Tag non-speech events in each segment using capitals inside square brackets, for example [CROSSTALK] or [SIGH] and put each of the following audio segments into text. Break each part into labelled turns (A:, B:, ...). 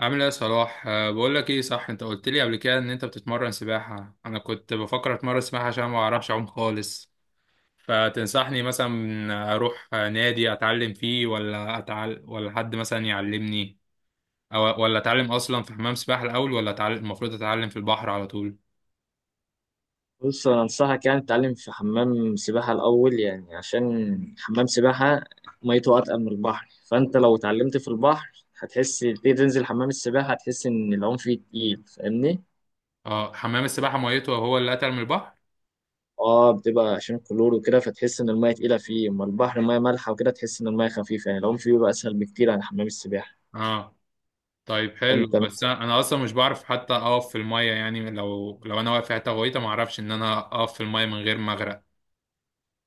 A: عامل ايه يا صلاح؟ بقول لك ايه، صح؟ انت قلت لي قبل كده ان انت بتتمرن سباحة. انا كنت بفكر اتمرن سباحة عشان ما اعرفش اعوم خالص. فتنصحني مثلا اروح نادي اتعلم فيه، ولا ولا حد مثلا يعلمني، او ولا اتعلم اصلا في حمام سباحة الاول، ولا المفروض اتعلم في البحر على طول؟
B: بص انا انصحك يعني تتعلم في حمام سباحه الاول، يعني عشان حمام سباحه ميته اتقل من البحر، فانت لو اتعلمت في البحر هتحس تيجي تنزل حمام السباحه هتحس ان العوم فيه تقيل. فاهمني؟
A: اه، حمام السباحة ميته هو اللي اتقل من البحر؟
B: اه، بتبقى عشان كلور وكده فتحس ان الميه تقيله فيه، اما البحر ميه مالحه وكده تحس ان الميه خفيفه يعني العوم فيه بيبقى اسهل بكتير عن حمام السباحه.
A: اه طيب حلو.
B: انت
A: بس
B: مثلا
A: انا اصلا مش بعرف حتى اقف في المية، يعني لو انا واقف في حتة غويطة ما اعرفش ان انا اقف في المية من غير ما اغرق.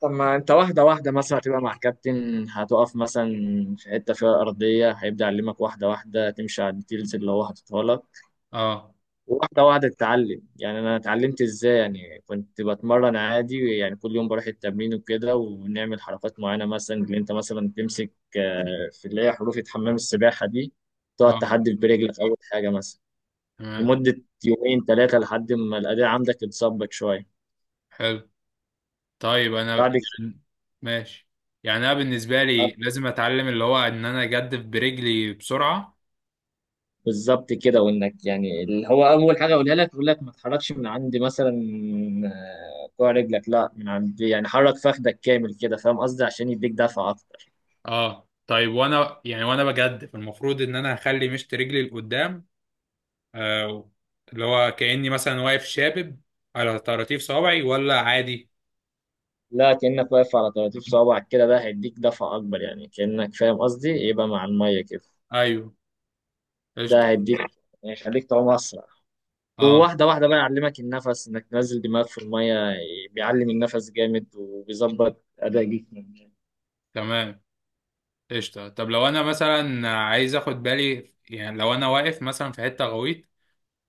B: طب ما انت واحده واحده مثلا هتبقى مع الكابتن هتقف مثلا في حته فيها ارضيه هيبدا يعلمك واحده واحده تمشي على الديتيلز اللي هو حاططها لك.
A: اه،
B: واحدة واحدة اتعلم، يعني أنا اتعلمت إزاي؟ يعني كنت بتمرن عادي يعني كل يوم بروح التمرين وكده ونعمل حركات معينة مثلا اللي أنت مثلا تمسك في اللي هي حروف حمام السباحة دي، تقعد
A: اه،
B: تحدف برجلك أول حاجة مثلا
A: تمام.
B: لمدة يومين ثلاثة لحد ما الأداء عندك يتظبط شوية.
A: حلو، طيب انا،
B: بعد كده
A: يعني ماشي. يعني انا بالنسبه لي لازم اتعلم اللي هو ان انا اجدف برجلي بسرعه.
B: بالظبط كده، وإنك يعني اللي هو أول حاجة أقولها لك يقول لك ما تحركش من عند مثلا كوع رجلك، لا من عند يعني حرك فخدك كامل كده، فاهم قصدي؟ عشان يديك دفعة أكتر.
A: اه طيب، وانا بجدف المفروض ان انا هخلي مشط رجلي لقدام، آه، اللي هو كاني مثلا واقف شابب على طراطيف صوابعي ولا عادي؟
B: لا كأنك واقف على طراطيف صوابعك كده، ده هيديك دفعة أكبر، يعني كأنك فاهم قصدي يبقى مع المية كده.
A: ايوه، قشطه.
B: ده هيديك هيخليك تعوم أسرع.
A: اه
B: وواحدة واحدة بقى يعلمك النفس إنك تنزل دماغك في المية. بيعلم النفس جامد وبيظبط أداء جسمك.
A: تمام، قشطه. طب لو انا مثلا عايز اخد بالي، يعني لو انا واقف مثلا في حته غويطه،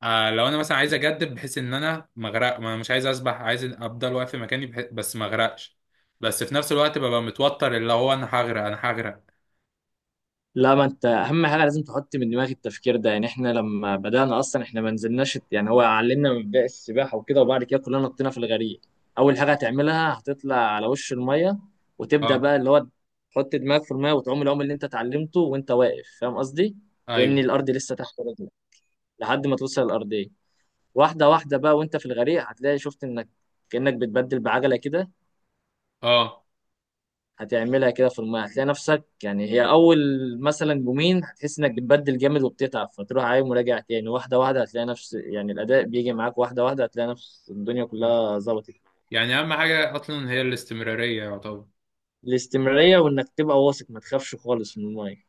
A: لو انا مثلا عايز اجدد بحيث ان انا ما اغرق، ما انا مش عايز اسبح، عايز افضل واقف في مكاني بس ما اغرقش، بس في نفس الوقت ببقى متوتر اللي هو انا هغرق انا هغرق.
B: لا، ما انت اهم حاجه لازم تحط من دماغك التفكير ده، يعني احنا لما بدانا اصلا احنا ما نزلناش يعني هو علمنا من بدايه السباحه وكده، وبعد كده كلنا نطينا في الغريق. اول حاجه هتعملها هتطلع على وش الميه وتبدا
A: اه.
B: بقى اللي هو تحط دماغك في الميه وتعوم العوم اللي انت اتعلمته وانت واقف، فاهم قصدي؟ كأن
A: ايوه.
B: الارض لسه تحت رجلك لحد ما توصل الارضيه. واحده واحده بقى وانت في الغريق هتلاقي شفت انك كأنك بتبدل بعجله كده،
A: اه.
B: هتعملها كده في المايه هتلاقي نفسك، يعني هي اول مثلا يومين هتحس انك بتبدل جامد وبتتعب فتروح عايم وراجع تاني. واحده واحده هتلاقي نفس يعني الاداء بيجي معاك، واحده واحده هتلاقي نفس الدنيا كلها ظبطت.
A: يعني اهم حاجه اصلا هي الاستمراريه يعتبر؟
B: الاستمراريه وانك تبقى واثق ما تخافش خالص من المايه.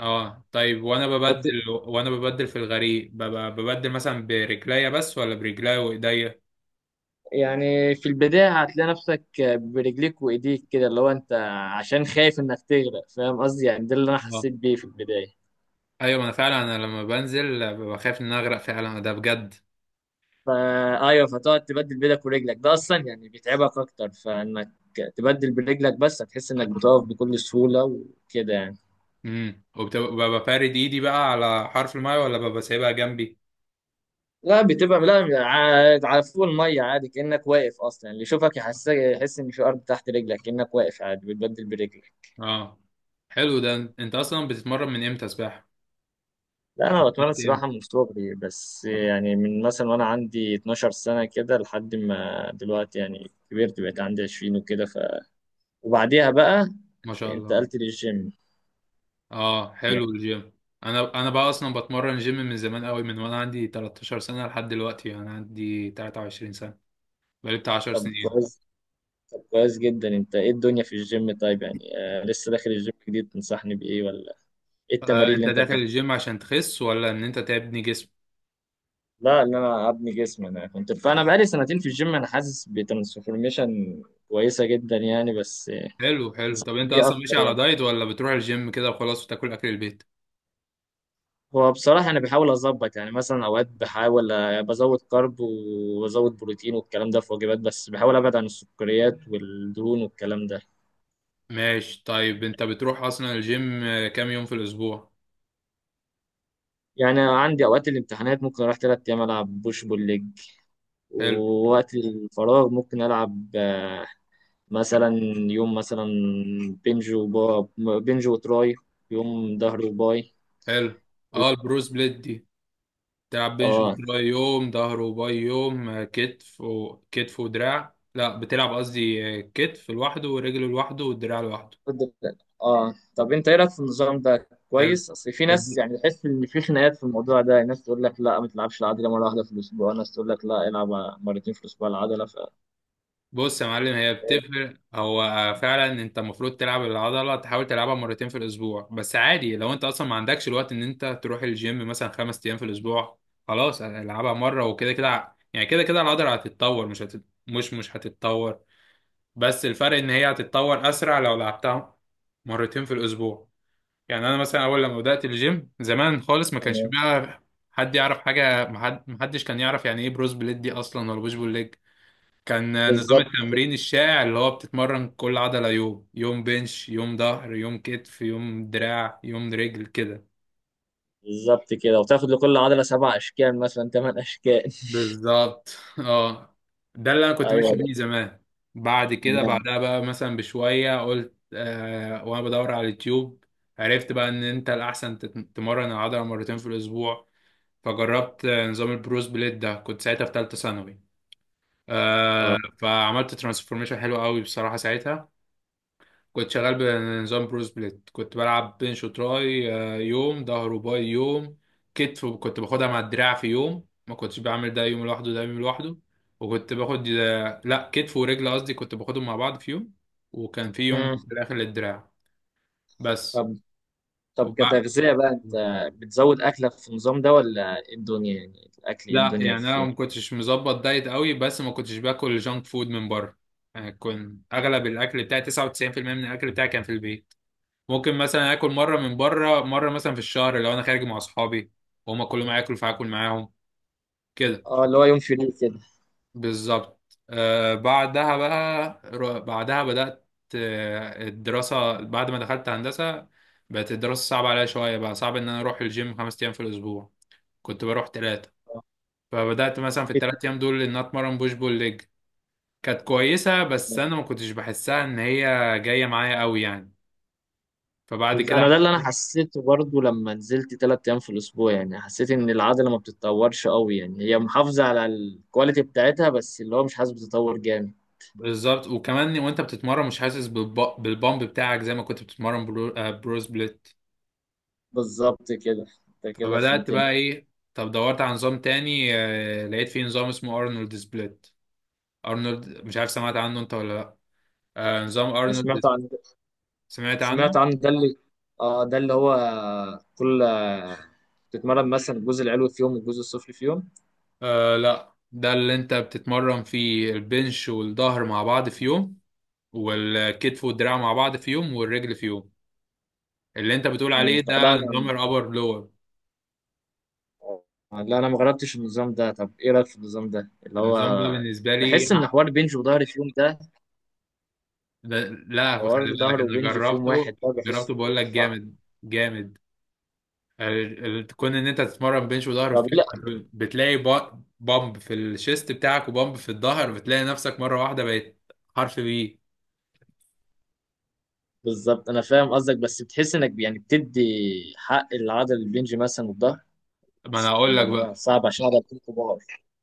A: اه طيب، وانا ببدل
B: فت-
A: وانا ببدل في الغريق ببقى ببدل مثلا برجليا بس، ولا برجليا وايديا؟
B: يعني في البدايه هتلاقي نفسك برجليك وايديك كده اللي هو انت عشان خايف انك تغرق، فاهم قصدي؟ يعني ده اللي انا
A: اه،
B: حسيت بيه في البدايه.
A: ايوه، ما انا فعلا انا لما بنزل ببقى خايف ان أنا اغرق فعلا ده بجد.
B: فايوه فتقعد تبدل بيدك ورجلك ده اصلا يعني بيتعبك اكتر، فانك تبدل برجلك بس هتحس انك بتقف بكل سهوله وكده يعني.
A: امم وببقى فارد ايدي بقى على حرف المايه، ولا ببقى سايبها جنبي؟
B: لا بتبقى لا على فوق الميه عادي، كانك واقف اصلا اللي يشوفك يحس يحس ان في ارض تحت رجلك كانك واقف عادي بتبدل برجلك.
A: اه حلو. ده انت اصلا بتتمرن من امتى سباحة؟
B: لا انا
A: بدأت
B: بتمرن
A: امتى؟
B: سباحه من صغري، بس يعني من مثلا وانا عندي 12 سنه كده لحد ما دلوقتي، يعني كبرت بقيت عندي 20 وكده ف وبعديها بقى
A: ما شاء الله.
B: انتقلت للجيم.
A: اه حلو الجيم. انا بقى اصلا بتمرن جيم من زمان قوي، من وانا عندي 13 سنة لحد دلوقتي انا عندي 23 سنة. بقالي بتاع 10
B: طب
A: سنين.
B: كويس. طب كويس جدا. انت ايه الدنيا في الجيم؟ طيب يعني آه لسه داخل الجيم جديد، تنصحني بايه؟ ولا ايه
A: آه،
B: التمارين
A: انت
B: اللي انت
A: داخل
B: بتاخدها؟
A: الجيم عشان تخس ولا ان انت تبني جسم؟
B: لا ان انا ابني جسمي، انا كنت فانا بقالي سنتين في الجيم انا حاسس بترانسفورميشن كويسه جدا يعني، بس
A: حلو حلو. طب
B: تنصحني
A: انت
B: بيه
A: اصلا ماشي
B: اكتر
A: على
B: يعني.
A: دايت ولا بتروح الجيم كده وخلاص وتاكل اكل البيت؟
B: هو بصراحه انا بحاول اظبط يعني مثلا اوقات بحاول بزود كارب وبزود بروتين والكلام ده في وجبات، بس بحاول ابعد عن السكريات والدهون والكلام ده.
A: ماشي. طيب انت بتروح اصلا الجيم كام يوم في الاسبوع؟
B: يعني عندي اوقات الامتحانات ممكن اروح ثلاث ايام العب بوش بول ليج،
A: حلو
B: ووقت الفراغ ممكن ألعب مثلا يوم مثلا بنج وبا بنج وتراي، يوم ظهر وباي،
A: حلو. اه،
B: ويوم-
A: البروس بليت دي تلعب بنش
B: اه،
A: وتراي يوم، ظهر وباي يوم، كتف وكتف ودراع؟ لا، بتلعب قصدي كتف لوحده ورجل لوحده والدراع لوحده؟
B: كنت- اه، طب انت ايه رايك في النظام ده؟
A: حلو.
B: كويس، اصل في ناس
A: الد-
B: يعني تحس ان في خناقات في الموضوع ده، ناس تقول لك لا ما تلعبش العضله مره واحده في الاسبوع، ناس تقول لك لا العب مرتين في الاسبوع العضله ف
A: بص يا معلم، هي بتفرق. هو فعلا انت المفروض تلعب العضله، تحاول تلعبها مرتين في الاسبوع، بس عادي لو انت اصلا ما عندكش الوقت ان انت تروح الجيم مثلا 5 ايام في الاسبوع، خلاص العبها مره وكده. كده يعني كده كده العضله هتتطور، مش هتتطور، بس الفرق ان هي هتتطور اسرع لو لعبتها مرتين في الاسبوع. يعني انا مثلا اول لما بدات الجيم زمان خالص ما كانش بقى حد يعرف حاجه. ما حدش كان يعرف يعني ايه بروز بليت دي اصلا ولا بوش بول ليج. كان نظام
B: بالظبط كده.
A: التمرين الشائع اللي هو بتتمرن كل عضله يوم، يوم بنش، يوم ظهر، يوم كتف، يوم دراع، يوم رجل كده.
B: بالظبط كده وتاخد لكل عضله سبع اشكال مثلا ثمان اشكال.
A: بالظبط اه. ده اللي انا
B: [LAUGHS]
A: كنت ماشي
B: ايوه
A: بيه
B: ده
A: زمان. بعد كده
B: تمام.
A: بعدها بقى مثلا بشويه، قلت وانا بدور على اليوتيوب، عرفت بقى ان انت الاحسن تتمرن العضله مرتين في الاسبوع. فجربت نظام البروس بليد ده، كنت ساعتها في ثالثه ثانوي.
B: اه.
A: فعملت ترانسفورميشن حلو قوي بصراحه ساعتها. كنت شغال بنظام بروس بليد، كنت بلعب بنش وتراي، يوم ظهر وباي يوم. كتف كنت باخدها مع الدراع في يوم، ما كنتش بعمل ده يوم لوحده ده يوم لوحده. وكنت باخد لا، كتف ورجل قصدي، كنت باخدهم مع بعض في يوم، وكان في يوم في
B: مم.
A: الاخر للدراع بس.
B: طب طب
A: وبعد
B: كتغذية بقى انت بتزود اكلك في النظام ده، ولا ايه الدنيا؟ يعني الاكل ايه
A: لا،
B: الدنيا
A: يعني انا
B: فيه؟
A: ما كنتش مظبط دايت قوي، بس ما كنتش باكل جانك فود من بره. يعني كنت اغلب الاكل بتاعي، 99% من الاكل بتاعي كان في البيت. ممكن مثلا اكل مره من بره، مره مثلا في الشهر لو انا خارج مع اصحابي وهما كلهم هياكلوا فهاكل معاهم كده.
B: اه اللي هو يوم فري كده.
A: بالظبط آه. بعدها بقى بعدها بدأت الدراسة بعد ما دخلت هندسة. بقت الدراسة صعبة عليا شوية، بقى صعب إن أنا أروح الجيم 5 أيام في الأسبوع، كنت بروح تلاتة.
B: آه.
A: فبدأت مثلا في الثلاث أيام دول إن أنا أتمرن بوش بول ليج. كانت كويسة بس أنا ما كنتش بحسها إن هي جاية معايا قوي يعني. فبعد كده
B: انا ده اللي انا حسيته برضو لما نزلت تلات ايام في الاسبوع، يعني حسيت ان العضلة ما بتتطورش قوي، يعني هي محافظة على الكواليتي بتاعتها بس اللي هو مش حاسس بتطور جامد.
A: بالظبط. وكمان وأنت بتتمرن مش حاسس بالبامب بتاعك زي ما كنت بتتمرن برو سبليت.
B: بالظبط كده، انت كده
A: فبدأت
B: فهمتني.
A: بقى إيه، طب دورت على نظام تاني، لقيت فيه نظام اسمه أرنولد سبليت. أرنولد مش عارف سمعت عنه أنت ولا لأ؟ نظام
B: انا سمعت
A: أرنولد.
B: عن
A: سمعت
B: سمعت
A: عنه؟
B: عن ده، اللي اه ده اللي هو كل تتمرن مثلا الجزء العلوي في يوم والجزء السفلي في يوم.
A: آه لأ، ده اللي أنت بتتمرن فيه البنش والظهر مع بعض في يوم والكتف والدراع مع بعض في يوم والرجل في يوم. اللي انت بتقول عليه ده
B: لا
A: نظام
B: انا،
A: الابر لور.
B: لا انا ما جربتش النظام ده. طب ايه رايك في النظام ده اللي هو
A: النظام ده بالنسبه لي
B: بحس ان حوار بنج وظهر في يوم ده،
A: لا، خلي
B: حوار
A: بالك،
B: ظهر
A: انا
B: وبنج في يوم
A: جربته،
B: واحد ده
A: جربته
B: بحسه
A: بقول لك
B: صعب.
A: جامد، جامد. تكون ان انت تتمرن بنش وظهر
B: طب
A: في
B: لا
A: يوم، بتلاقي بامب في الشيست بتاعك وبامب في الظهر، بتلاقي نفسك مره واحده بقيت حرف بي.
B: بالظبط انا فاهم قصدك، بس بتحس انك يعني بتدي حق العضل البنج مثلا والظهر،
A: ما انا
B: بس
A: هقول لك
B: الموضوع
A: بقى.
B: صعب عشان عضلتين كبار.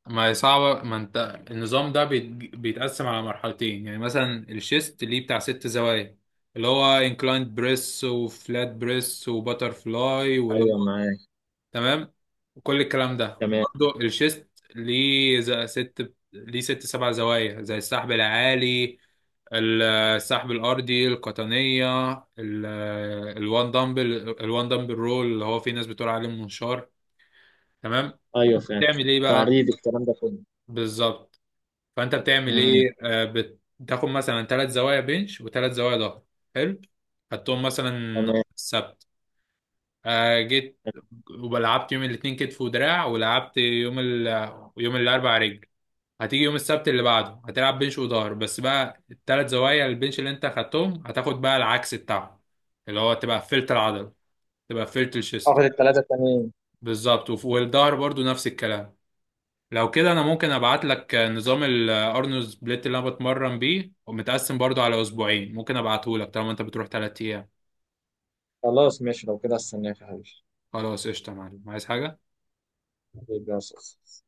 A: ما هي صعبة، ما انت النظام ده بيتقسم على مرحلتين. يعني مثلا الشيست ليه بتاع ست زوايا، اللي هو انكلايند بريس وفلات بريس وباتر فلاي واللي هو،
B: ايوه معاك.
A: تمام، وكل الكلام ده.
B: تمام.
A: وبرضه الشيست ليه ست ليه ست سبع زوايا زي السحب العالي، السحب الأرضي القطنية، ال- الوان دمبل رول اللي هو في ناس بتقول عليه المنشار. تمام.
B: ايوه فاهم.
A: تعمل ايه بقى؟
B: تعريض الكلام ده كله.
A: بالظبط. فانت بتعمل
B: امم.
A: ايه، بتاخد مثلا ثلاث زوايا بنش وثلاث زوايا ظهر. حلو. خدتهم مثلا
B: تمام.
A: السبت، جيت ولعبت يوم الاثنين كتف ودراع، ولعبت يوم الاربع رجل. هتيجي يوم السبت اللي بعده هتلعب بنش وظهر، بس بقى الثلاث زوايا البنش اللي انت خدتهم هتاخد بقى العكس بتاعهم، اللي هو تبقى قفلت العضله، تبقى قفلت الشيست.
B: اخد الثلاثه تمام.
A: بالظبط. والظهر برضو نفس الكلام. لو كده انا ممكن ابعت لك نظام الارنولد سبليت اللي انا بتمرن بيه ومتقسم برضو على اسبوعين. ممكن ابعته لك طالما انت بتروح 3 ايام.
B: خلاص ماشي لو كده، استناك يا حبيبي.
A: خلاص قشطه يا معلم، عايز حاجه؟
B: حبيبي يا أستاذ.